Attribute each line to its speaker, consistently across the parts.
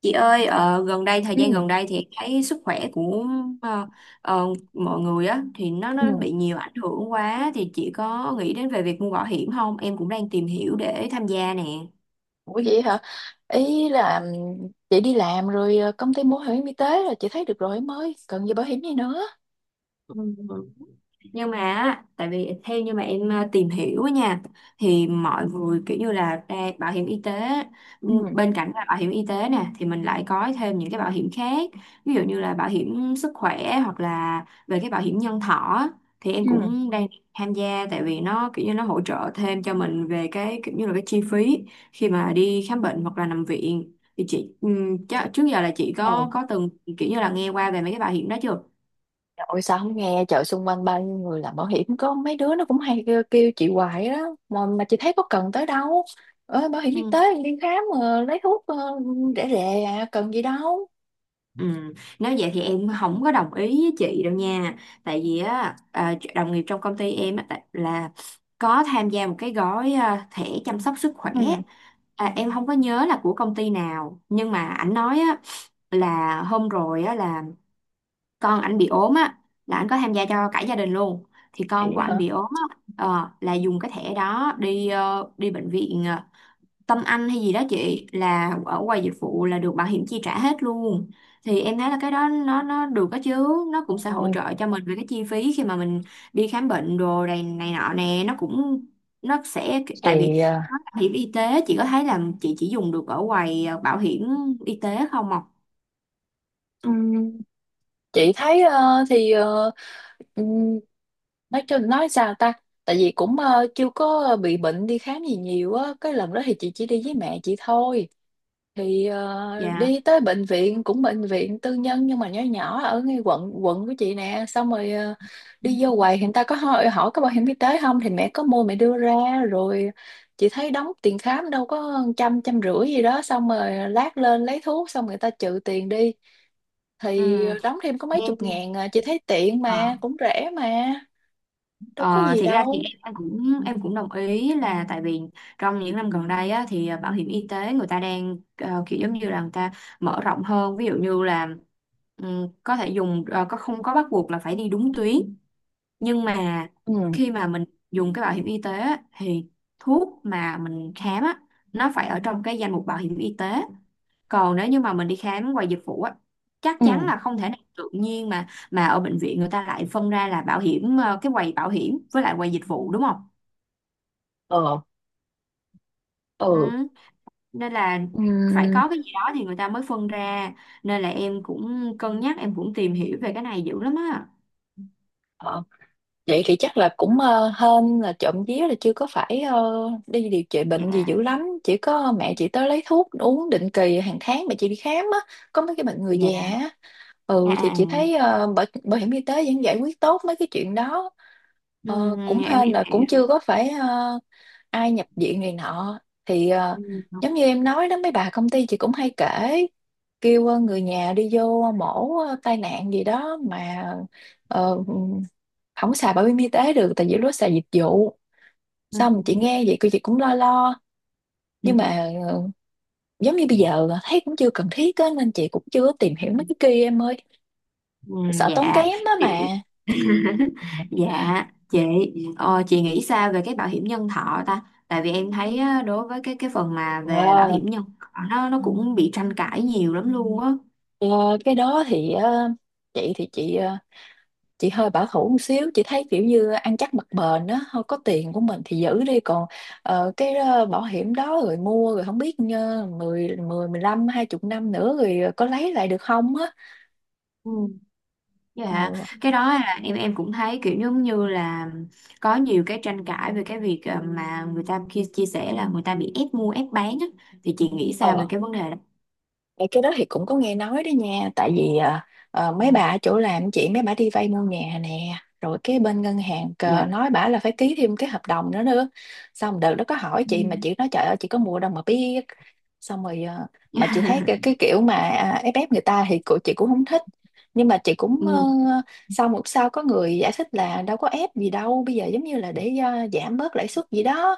Speaker 1: Chị ơi, gần đây thời
Speaker 2: Ừ.
Speaker 1: gian gần đây thì em thấy sức khỏe của ờ, ờ, mọi người á thì nó
Speaker 2: Ừ.
Speaker 1: nó bị nhiều ảnh hưởng quá, thì chị có nghĩ đến về việc mua bảo hiểm không? Em cũng đang tìm hiểu để tham gia nè.
Speaker 2: Ủa vậy hả? Ý là chị đi làm rồi, công ty mua bảo hiểm y tế là chị thấy được rồi em ơi, cần gì bảo hiểm gì nữa.
Speaker 1: Nhưng mà á, tại vì theo như mà em tìm hiểu á nha, thì mọi người kiểu như là ra bảo hiểm y tế, ừ,
Speaker 2: Ừ.
Speaker 1: bên cạnh là bảo hiểm y tế nè thì mình lại có thêm những cái bảo hiểm khác, ví dụ như là bảo hiểm sức khỏe hoặc là về cái bảo hiểm nhân thọ á, thì em
Speaker 2: Ừ.
Speaker 1: cũng đang tham gia, tại vì nó kiểu như nó hỗ trợ thêm cho mình về cái kiểu như là cái chi phí khi mà đi khám bệnh hoặc là nằm viện. Thì chị ừ, trước giờ là chị
Speaker 2: Ồ,
Speaker 1: có từng kiểu như là nghe qua về mấy cái bảo hiểm đó chưa?
Speaker 2: trời ơi, sao không nghe, chợ xung quanh bao nhiêu người làm bảo hiểm, có mấy đứa nó cũng hay kêu, chị hoài đó, mà chị thấy có cần tới đâu. Bảo hiểm y tế
Speaker 1: Ừ.
Speaker 2: đi khám, lấy thuốc, rẻ rẻ à, cần gì đâu.
Speaker 1: Ừ. Nếu vậy thì em không có đồng ý với chị đâu nha, tại vì á à, đồng nghiệp trong công ty em á, là có tham gia một cái gói, à, thẻ chăm sóc sức khỏe,
Speaker 2: Ừ.
Speaker 1: à, em không có nhớ là của công ty nào, nhưng mà ảnh nói á là hôm rồi á là con ảnh bị ốm á, là ảnh có tham gia cho cả gia đình luôn. Thì con
Speaker 2: Chị
Speaker 1: của ảnh
Speaker 2: hả?
Speaker 1: bị ốm á, ờ, là dùng cái thẻ đó đi đi bệnh viện, ờ, Tâm Anh hay gì đó chị, là ở quầy dịch vụ là được bảo hiểm chi trả hết luôn. Thì em thấy là cái đó nó được đó chứ, nó
Speaker 2: Ừ,
Speaker 1: cũng sẽ hỗ trợ cho mình về cái chi phí khi mà mình đi khám bệnh đồ này này nọ nè, nó cũng nó sẽ, tại vì
Speaker 2: thì
Speaker 1: nó là bảo hiểm y tế, chị có thấy là chị chỉ dùng được ở quầy bảo hiểm y tế không ạ?
Speaker 2: ờ, chị thấy, ừm, nói sao ta. Tại vì cũng chưa có bị bệnh đi khám gì nhiều á, cái lần đó thì chị chỉ đi với mẹ chị thôi, thì
Speaker 1: Dạ.
Speaker 2: đi tới bệnh viện, cũng bệnh viện tư nhân nhưng mà nhỏ nhỏ, ở ngay quận quận của chị nè, xong rồi đi vô quầy thì người ta có hỏi, có bảo hiểm y tế không, thì mẹ có mua, mẹ đưa ra rồi. Chị thấy đóng tiền khám đâu có trăm, 150 gì đó, xong rồi lát lên lấy thuốc xong người ta trừ tiền đi,
Speaker 1: Ừ.
Speaker 2: thì đóng thêm có mấy
Speaker 1: Em
Speaker 2: chục ngàn à. Chị thấy tiện mà cũng rẻ mà, đâu có
Speaker 1: ờ,
Speaker 2: gì
Speaker 1: thiệt ra thì
Speaker 2: đâu.
Speaker 1: em cũng em cũng đồng ý, là tại vì trong những năm gần đây á, thì bảo hiểm y tế người ta đang kiểu giống như là người ta mở rộng hơn, ví dụ như là có thể dùng có không có bắt buộc là phải đi đúng tuyến. Nhưng mà
Speaker 2: Ừ.
Speaker 1: khi mà mình dùng cái bảo hiểm y tế á, thì thuốc mà mình khám á, nó phải ở trong cái danh mục bảo hiểm y tế. Còn nếu như mà mình đi khám ngoài dịch vụ á, chắc
Speaker 2: Ừ.
Speaker 1: chắn là không thể nào tự nhiên mà ở bệnh viện người ta lại phân ra là bảo hiểm cái quầy bảo hiểm với lại quầy dịch vụ đúng không?
Speaker 2: Ờ.
Speaker 1: Ừ.
Speaker 2: Ừ.
Speaker 1: Nên là
Speaker 2: Ừ.
Speaker 1: phải có cái gì đó thì người ta mới phân ra, nên là em cũng cân nhắc, em cũng tìm hiểu về cái này dữ lắm á.
Speaker 2: Vậy thì chắc là cũng hên là trộm vía là chưa có phải đi điều trị bệnh gì
Speaker 1: Dạ.
Speaker 2: dữ lắm. Chỉ có mẹ chị tới lấy thuốc uống định kỳ, hàng tháng mẹ chị đi khám á. Có mấy cái bệnh người già
Speaker 1: Dạ.
Speaker 2: á.
Speaker 1: À,
Speaker 2: Ừ, thì chị
Speaker 1: à.
Speaker 2: thấy
Speaker 1: À.
Speaker 2: bảo hiểm y tế vẫn giải quyết tốt mấy cái chuyện đó.
Speaker 1: Ừ,
Speaker 2: Ờ, cũng
Speaker 1: em
Speaker 2: hên
Speaker 1: em
Speaker 2: là cũng
Speaker 1: hiểu.
Speaker 2: chưa có phải ai nhập viện này nọ. Thì
Speaker 1: Ừ.
Speaker 2: giống như em nói đó, mấy bà công ty chị cũng hay kể, kêu người nhà đi vô mổ, tai nạn gì đó mà ờ, không xài bảo hiểm y tế được, tại vì lúc đó xài dịch vụ. Xong chị nghe vậy cô chị cũng lo lo,
Speaker 1: Ừ.
Speaker 2: nhưng mà giống như bây giờ thấy cũng chưa cần thiết á, nên chị cũng chưa có tìm
Speaker 1: Ừ.
Speaker 2: hiểu mấy cái kia em ơi,
Speaker 1: Ừ,
Speaker 2: sợ tốn
Speaker 1: dạ
Speaker 2: kém đó
Speaker 1: chị.
Speaker 2: mà.
Speaker 1: Dạ chị, ờ, chị nghĩ sao về cái bảo hiểm nhân thọ ta? Tại vì em thấy á, đối với cái phần mà về bảo
Speaker 2: Ờ,
Speaker 1: hiểm nhân thọ, nó cũng bị tranh cãi nhiều lắm luôn á.
Speaker 2: ờ, cái đó thì chị thì chị hơi bảo thủ một xíu, chị thấy kiểu như ăn chắc mặc bền đó, thôi có tiền của mình thì giữ đi, còn bảo hiểm đó, rồi mua rồi không biết mười, 15, 20 năm nữa rồi có lấy lại được không á.
Speaker 1: Ừ. Dạ, cái đó là em cũng thấy kiểu giống như là có nhiều cái tranh cãi về cái việc mà người ta khi chia sẻ là người ta bị ép mua ép bán á, thì chị nghĩ sao về
Speaker 2: Ừ.
Speaker 1: cái vấn đề đó?
Speaker 2: Ờ, cái đó thì cũng có nghe nói đó nha, tại vì mấy bà ở chỗ làm chị, mấy bà đi vay mua nhà nè, rồi cái bên ngân hàng cờ
Speaker 1: Dạ.
Speaker 2: nói bả là phải ký thêm cái hợp đồng nữa nữa. Xong đợt đó có hỏi
Speaker 1: Ừ.
Speaker 2: chị mà chị nói trời ơi chị có mua đâu mà biết, xong rồi mà chị thấy cái kiểu mà à, ép ép người ta thì của chị cũng không thích, nhưng mà chị cũng
Speaker 1: Ừ.
Speaker 2: sau có người giải thích là đâu có ép gì đâu, bây giờ giống như là để giảm bớt lãi suất gì đó.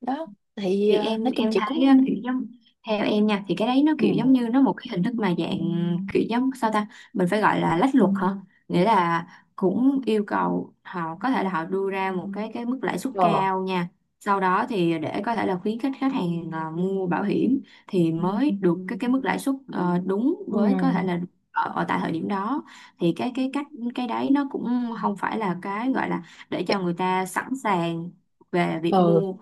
Speaker 2: Đó thì
Speaker 1: Thì em
Speaker 2: nói chung
Speaker 1: em
Speaker 2: chị
Speaker 1: thấy á,
Speaker 2: cũng.
Speaker 1: kiểu giống, theo em nha thì cái đấy nó
Speaker 2: Ừ.
Speaker 1: kiểu giống như nó một cái hình thức mà dạng kiểu giống sao ta, mình phải gọi là lách luật hả? Nghĩa là cũng yêu cầu họ có thể là họ đưa ra một cái mức lãi suất
Speaker 2: Ờ.
Speaker 1: cao nha, sau đó thì để có thể là khuyến khích khách hàng à, mua bảo hiểm thì mới được cái mức lãi suất ờ, đúng
Speaker 2: Ừ.
Speaker 1: với có thể là ở tại thời điểm đó. Thì cái cách, cái đấy nó cũng không phải là cái gọi là để cho người ta sẵn sàng về việc
Speaker 2: Ừ,
Speaker 1: mua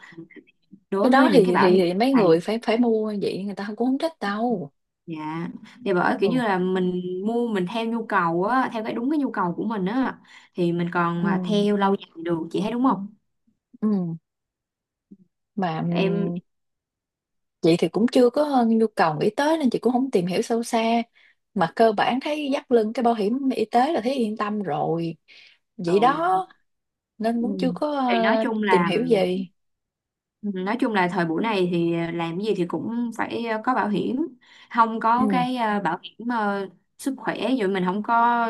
Speaker 2: cái
Speaker 1: đối với
Speaker 2: đó
Speaker 1: những
Speaker 2: thì
Speaker 1: cái bảo hiểm
Speaker 2: mấy
Speaker 1: này.
Speaker 2: người phải phải mua vậy người ta cũng không thích đâu.
Speaker 1: Dạ, thì bởi kiểu như
Speaker 2: Ừ.
Speaker 1: là mình mua mình theo nhu cầu á, theo cái đúng cái nhu cầu của mình á, thì mình còn à,
Speaker 2: Ừ.
Speaker 1: theo lâu dài được, chị thấy đúng không?
Speaker 2: Ừ. Mà ừ,
Speaker 1: Em
Speaker 2: chị thì cũng chưa có nhu cầu nghĩ tới nên chị cũng không tìm hiểu sâu xa, mà cơ bản thấy dắt lưng cái bảo hiểm y tế là thấy yên tâm rồi,
Speaker 1: ừ.
Speaker 2: vậy đó, nên
Speaker 1: Ừ.
Speaker 2: cũng chưa có
Speaker 1: Thì nói chung
Speaker 2: tìm
Speaker 1: là
Speaker 2: hiểu gì.
Speaker 1: ừ, nói chung là thời buổi này thì làm cái gì thì cũng phải có bảo hiểm. Không
Speaker 2: Ừ.
Speaker 1: có cái bảo hiểm sức khỏe rồi mình không có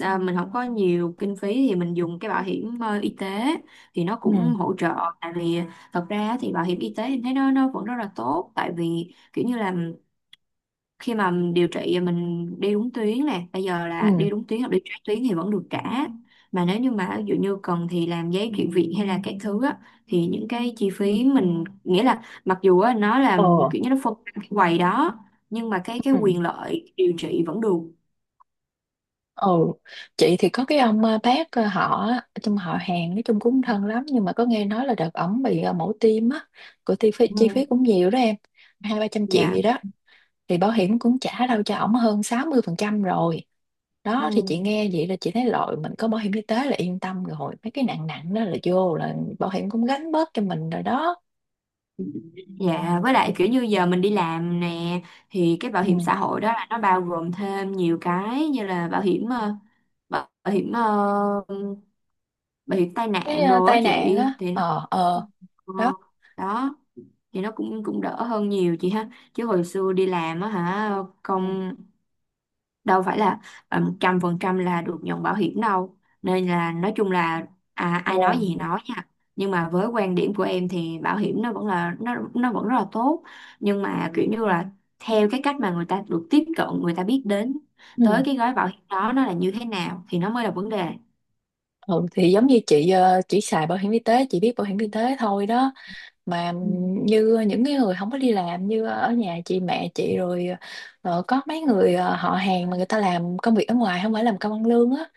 Speaker 1: ờ, mình không có nhiều kinh phí thì mình dùng cái bảo hiểm y tế thì nó
Speaker 2: Ừ.
Speaker 1: cũng hỗ trợ. Tại vì thật ra thì bảo hiểm y tế thì thấy nó vẫn rất là tốt, tại vì kiểu như là khi mà mình điều trị mình đi đúng tuyến nè, bây giờ
Speaker 2: Ừ.
Speaker 1: là đi đúng tuyến hoặc đi trái tuyến thì vẫn được trả. Mà nếu như mà ví dụ như cần thì làm giấy chuyển viện hay là các thứ á, thì những cái chi phí mình nghĩa là mặc dù á, nó là
Speaker 2: Ờ.
Speaker 1: kiểu như nó phân cái quầy đó, nhưng mà cái
Speaker 2: Ừ.
Speaker 1: quyền lợi điều trị vẫn được.
Speaker 2: Ừ, chị thì có cái ông, bác, họ á, trong họ hàng nói chung cũng thân lắm, nhưng mà có nghe nói là đợt ổng bị mổ tim á, của chi
Speaker 1: Ừ.
Speaker 2: phí cũng nhiều đó em, hai ba trăm triệu
Speaker 1: Dạ.
Speaker 2: gì đó, thì bảo hiểm cũng trả đâu cho ổng hơn 60% rồi. Đó thì chị
Speaker 1: Ừ.
Speaker 2: nghe vậy là chị thấy rồi, mình có bảo hiểm y tế là yên tâm rồi, mấy cái nặng nặng đó là vô là bảo hiểm cũng gánh bớt cho mình rồi đó.
Speaker 1: Dạ, với lại kiểu như giờ mình đi làm nè, thì cái bảo
Speaker 2: Ừ.
Speaker 1: hiểm xã hội đó là nó bao gồm thêm nhiều cái, như là bảo hiểm bảo bảo hiểm ờ, bị tai
Speaker 2: Cái
Speaker 1: nạn rồi á
Speaker 2: tai nạn
Speaker 1: chị,
Speaker 2: á,
Speaker 1: thì nó
Speaker 2: ờ, ờ.
Speaker 1: ờ,
Speaker 2: Đó.
Speaker 1: đó. Thì nó cũng cũng đỡ hơn nhiều chị ha, chứ hồi xưa đi làm á hả,
Speaker 2: Ừ.
Speaker 1: không đâu phải là 100% là được nhận bảo hiểm đâu. Nên là nói chung là à, ai nói gì thì nói nha, nhưng mà với quan điểm của em thì bảo hiểm nó vẫn là nó vẫn rất là tốt, nhưng mà kiểu như là theo cái cách mà người ta được tiếp cận, người ta biết đến
Speaker 2: Ừ.
Speaker 1: tới cái gói bảo hiểm đó nó là như thế nào thì nó mới là vấn đề.
Speaker 2: Ừ, thì giống như chị chỉ xài bảo hiểm y tế, chị biết bảo hiểm y tế thôi đó, mà
Speaker 1: Ừ.
Speaker 2: như những cái người không có đi làm, như ở nhà chị, mẹ chị rồi có mấy người họ hàng mà người ta làm công việc ở ngoài, không phải làm công ăn lương á,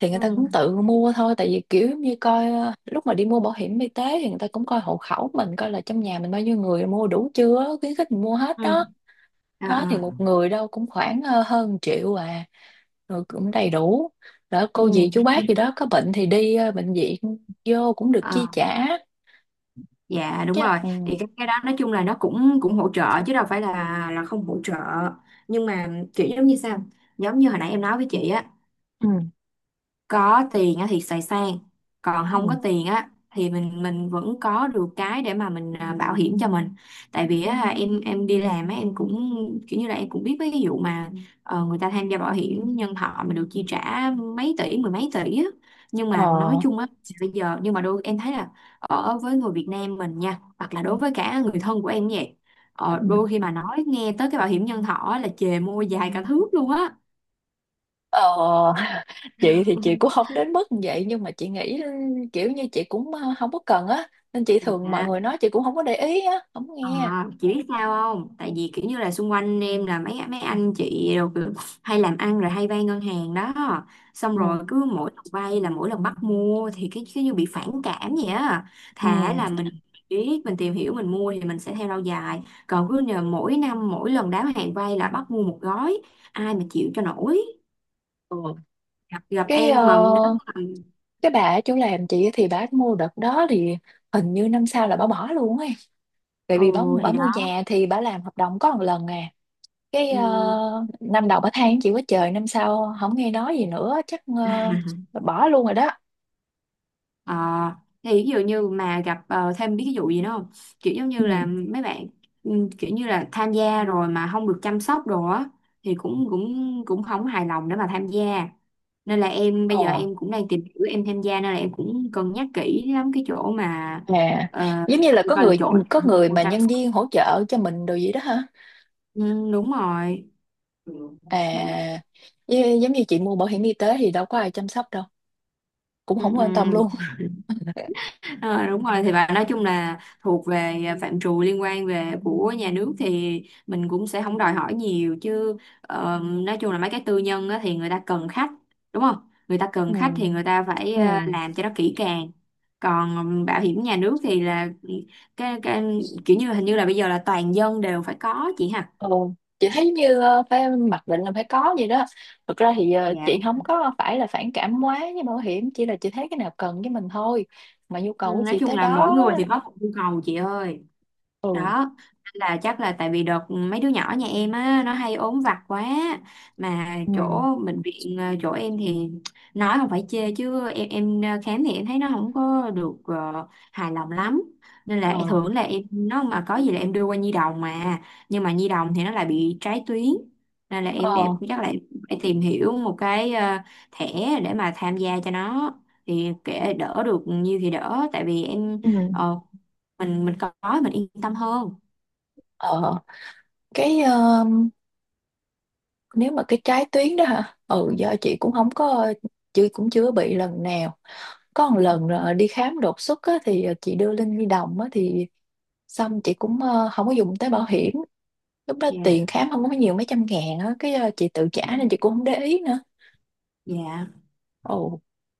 Speaker 2: thì người ta cũng
Speaker 1: Ừ.
Speaker 2: tự mua thôi, tại vì kiểu giống như coi, lúc mà đi mua bảo hiểm y tế thì người ta cũng coi hộ khẩu mình, coi là trong nhà mình bao nhiêu người, mua đủ chưa á, khuyến khích mình mua hết
Speaker 1: Ừ.
Speaker 2: đó.
Speaker 1: À,
Speaker 2: Đó thì
Speaker 1: à.
Speaker 2: một người đâu cũng khoảng hơn triệu à, rồi cũng đầy đủ. Đó, cô
Speaker 1: Ừ.
Speaker 2: dì chú bác gì đó có bệnh thì đi bệnh viện, vô cũng được chi
Speaker 1: À,
Speaker 2: trả
Speaker 1: dạ
Speaker 2: chứ.
Speaker 1: đúng rồi,
Speaker 2: Ừ.
Speaker 1: thì cái đó nói chung là nó cũng cũng hỗ trợ chứ đâu phải là không hỗ trợ. Nhưng mà kiểu giống như sao, giống như hồi nãy em nói với chị á,
Speaker 2: Ừ.
Speaker 1: có tiền á thì xài sang, còn không có
Speaker 2: Ừ.
Speaker 1: tiền á thì mình vẫn có được cái để mà mình à, bảo hiểm cho mình. Tại vì á, em đi làm á em cũng kiểu như là em cũng biết mấy cái vụ mà người ta tham gia bảo hiểm nhân thọ mà được chi trả mấy tỷ mười mấy tỷ á. Nhưng mà nói
Speaker 2: Ờ.
Speaker 1: chung á, bây giờ nhưng mà đôi em thấy là ở với người Việt Nam mình nha, hoặc là đối với cả người thân của em cũng vậy,
Speaker 2: Ừ.
Speaker 1: ờ, đôi khi mà nói nghe tới cái bảo hiểm nhân thọ á là chề môi dài cả thước luôn á.
Speaker 2: Ờ. Chị thì chị cũng không đến mức như vậy, nhưng mà chị nghĩ kiểu như chị cũng không có cần á, nên chị thường mọi
Speaker 1: À,
Speaker 2: người nói chị cũng không có để ý á, không
Speaker 1: à,
Speaker 2: nghe.
Speaker 1: chị biết sao không? Tại vì kiểu như là xung quanh em là mấy mấy anh chị rồi kiểu hay làm ăn rồi hay vay ngân hàng đó. Xong
Speaker 2: Ừ.
Speaker 1: rồi cứ mỗi lần vay là mỗi lần bắt mua thì cái cứ như bị phản cảm vậy á.
Speaker 2: Ừ.
Speaker 1: Thà là mình biết mình tìm hiểu mình mua thì mình sẽ theo lâu dài. Còn cứ nhờ mỗi năm mỗi lần đáo hạn vay là bắt mua một gói, ai mà chịu cho nổi.
Speaker 2: Ừ.
Speaker 1: Gặp
Speaker 2: cái ờ,
Speaker 1: em mà nếu mà
Speaker 2: cái bà ở chỗ làm chị thì bà mua đợt đó, thì hình như năm sau là bà bỏ luôn ấy, tại
Speaker 1: ừ
Speaker 2: vì bà
Speaker 1: thì
Speaker 2: mua
Speaker 1: đó.
Speaker 2: nhà thì bà làm hợp đồng có một lần à. cái
Speaker 1: Ừ.
Speaker 2: ờ, Năm đầu bà than chịu quá trời, năm sau không nghe nói gì nữa, chắc bà bỏ luôn rồi đó.
Speaker 1: À, thì ví dụ như mà gặp ờ, thêm biết cái vụ gì nữa không? Kiểu giống như
Speaker 2: Ừ.
Speaker 1: là mấy bạn ừ, kiểu như là tham gia rồi mà không được chăm sóc đồ á, thì cũng cũng cũng không hài lòng để mà tham gia. Nên là em bây giờ
Speaker 2: Ờ.
Speaker 1: em cũng đang tìm hiểu em tham gia, nên là em cũng cân nhắc kỹ lắm cái chỗ mà
Speaker 2: À.
Speaker 1: ờ,
Speaker 2: Giống như là
Speaker 1: coi là chỗ nào
Speaker 2: có người
Speaker 1: mua
Speaker 2: mà
Speaker 1: chăm
Speaker 2: nhân
Speaker 1: sóc.
Speaker 2: viên hỗ trợ cho mình đồ gì đó hả?
Speaker 1: Ừ, đúng rồi. Ừ,
Speaker 2: À, giống như chị mua bảo hiểm y tế thì đâu có ai chăm sóc đâu, cũng
Speaker 1: ừ.
Speaker 2: không quan tâm luôn.
Speaker 1: Ờ, đúng rồi, thì bạn nói chung là thuộc về à, phạm trù liên quan về của nhà nước thì mình cũng sẽ không đòi hỏi nhiều chứ. Ờ, nói chung là mấy cái tư nhân á, thì người ta cần khách, đúng không, người ta
Speaker 2: Ừ.
Speaker 1: cần khách thì người ta phải
Speaker 2: Ừ.
Speaker 1: à, làm cho nó kỹ càng. Còn bảo hiểm nhà nước thì là cái kiểu như hình như là bây giờ là toàn dân đều phải có chị ha.
Speaker 2: Ừ. Chị thấy như phải mặc định là phải có gì đó. Thực ra thì
Speaker 1: Dạ
Speaker 2: chị
Speaker 1: đúng.
Speaker 2: không có phải là phản cảm quá với bảo hiểm, chỉ là chị thấy cái nào cần với mình thôi, mà nhu
Speaker 1: Ừ,
Speaker 2: cầu của
Speaker 1: nói
Speaker 2: chị
Speaker 1: chung
Speaker 2: tới
Speaker 1: là mỗi
Speaker 2: đó.
Speaker 1: người thì có một nhu cầu chị ơi,
Speaker 2: Ừ.
Speaker 1: đó là chắc là tại vì đợt mấy đứa nhỏ nhà em á nó hay ốm vặt quá. Mà
Speaker 2: Ừ.
Speaker 1: chỗ bệnh viện chỗ em thì nói không phải chê chứ em ờ, khám thì em thấy nó không có được ờ, hài lòng lắm, nên là
Speaker 2: Ờ.
Speaker 1: thường là em nó mà có gì là em đưa qua nhi đồng. Mà nhưng mà nhi đồng thì nó lại bị trái tuyến, nên là
Speaker 2: Ờ.
Speaker 1: em chắc là em phải tìm hiểu một cái ờ, thẻ để mà tham gia cho nó, thì kệ đỡ được nhiều thì đỡ, tại vì em
Speaker 2: Ừ.
Speaker 1: ờ, mình có mình yên tâm hơn.
Speaker 2: Ờ. Cái nếu mà cái trái tuyến đó hả, ừ, do chị cũng không có, chị cũng chưa bị lần nào. Có một lần đi khám đột xuất á, thì chị đưa Linh nhi đồng á, thì xong chị cũng không có dùng tới bảo hiểm, lúc đó
Speaker 1: Dạ.
Speaker 2: tiền khám không có nhiều, mấy trăm ngàn á, cái chị tự trả nên chị cũng không để ý nữa.
Speaker 1: Dạ.
Speaker 2: Ồ.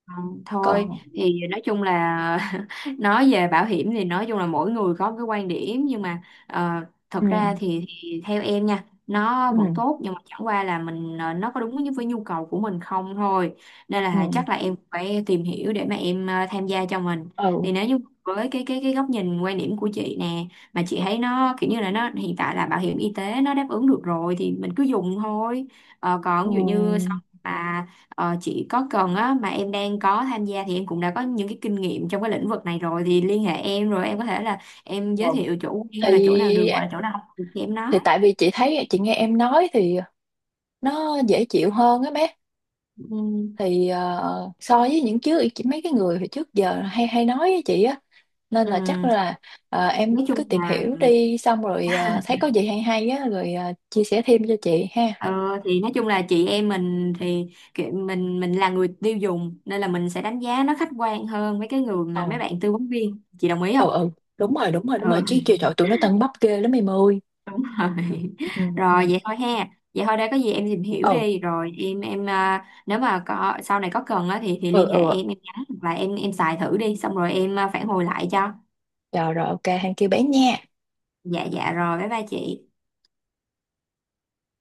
Speaker 1: Không, thôi
Speaker 2: Còn.
Speaker 1: thì nói chung là nói về bảo hiểm thì nói chung là mỗi người có một cái quan điểm, nhưng mà ờ,
Speaker 2: Ừ.
Speaker 1: thật ra thì theo em nha, nó
Speaker 2: Ừ.
Speaker 1: vẫn tốt, nhưng mà chẳng qua là mình ờ, nó có đúng với nhu cầu của mình không thôi. Nên
Speaker 2: Ừ.
Speaker 1: là chắc là em phải tìm hiểu để mà em tham gia cho mình.
Speaker 2: Ừ.
Speaker 1: Thì nếu như với cái góc nhìn quan điểm của chị nè, mà chị thấy nó kiểu như là nó hiện tại là bảo hiểm y tế nó đáp ứng được rồi thì mình cứ dùng thôi. Ờ,
Speaker 2: Ừ.
Speaker 1: còn ví dụ như sau mà ờ, chị có cần á, mà em đang có tham gia thì em cũng đã có những cái kinh nghiệm trong cái lĩnh vực này rồi, thì liên hệ em rồi em có thể là em giới
Speaker 2: Vâng.
Speaker 1: thiệu chỗ quen hoặc là chỗ nào
Speaker 2: Thì
Speaker 1: được hoặc là chỗ nào không được thì em nói.
Speaker 2: thì tại vì chị thấy, chị nghe em nói thì nó dễ chịu hơn á bé,
Speaker 1: Ừ.
Speaker 2: thì so với những trước chị, mấy cái người hồi trước giờ hay hay nói với chị á, nên là chắc
Speaker 1: Ừ.
Speaker 2: là em
Speaker 1: Nói
Speaker 2: cứ
Speaker 1: chung
Speaker 2: tìm
Speaker 1: là
Speaker 2: hiểu đi, xong rồi thấy có gì hay hay á, rồi chia sẻ thêm cho chị ha.
Speaker 1: ờ, thì nói chung là chị em mình thì kiểu mình là người tiêu dùng nên là mình sẽ đánh giá nó khách quan hơn với cái người mà
Speaker 2: Ờ.
Speaker 1: mấy bạn tư vấn viên, chị đồng ý không?
Speaker 2: Ờ. Ờ. Đúng rồi, đúng rồi, đúng rồi,
Speaker 1: Ừ.
Speaker 2: chứ trời trời, tụi nó tân bắp ghê lắm em ơi.
Speaker 1: Đúng rồi.
Speaker 2: Ừ. Ừ.
Speaker 1: Rồi vậy thôi ha, vậy thôi đây, có gì em tìm hiểu
Speaker 2: Ừ.
Speaker 1: đi rồi em à, nếu mà có sau này có cần á thì
Speaker 2: Ừ.
Speaker 1: liên hệ
Speaker 2: Ừ.
Speaker 1: em nhắn hoặc là em xài thử đi xong rồi em à, phản hồi lại cho.
Speaker 2: Rồi, rồi, ok hàng kia bán nha.
Speaker 1: Dạ, dạ rồi, bye bye chị.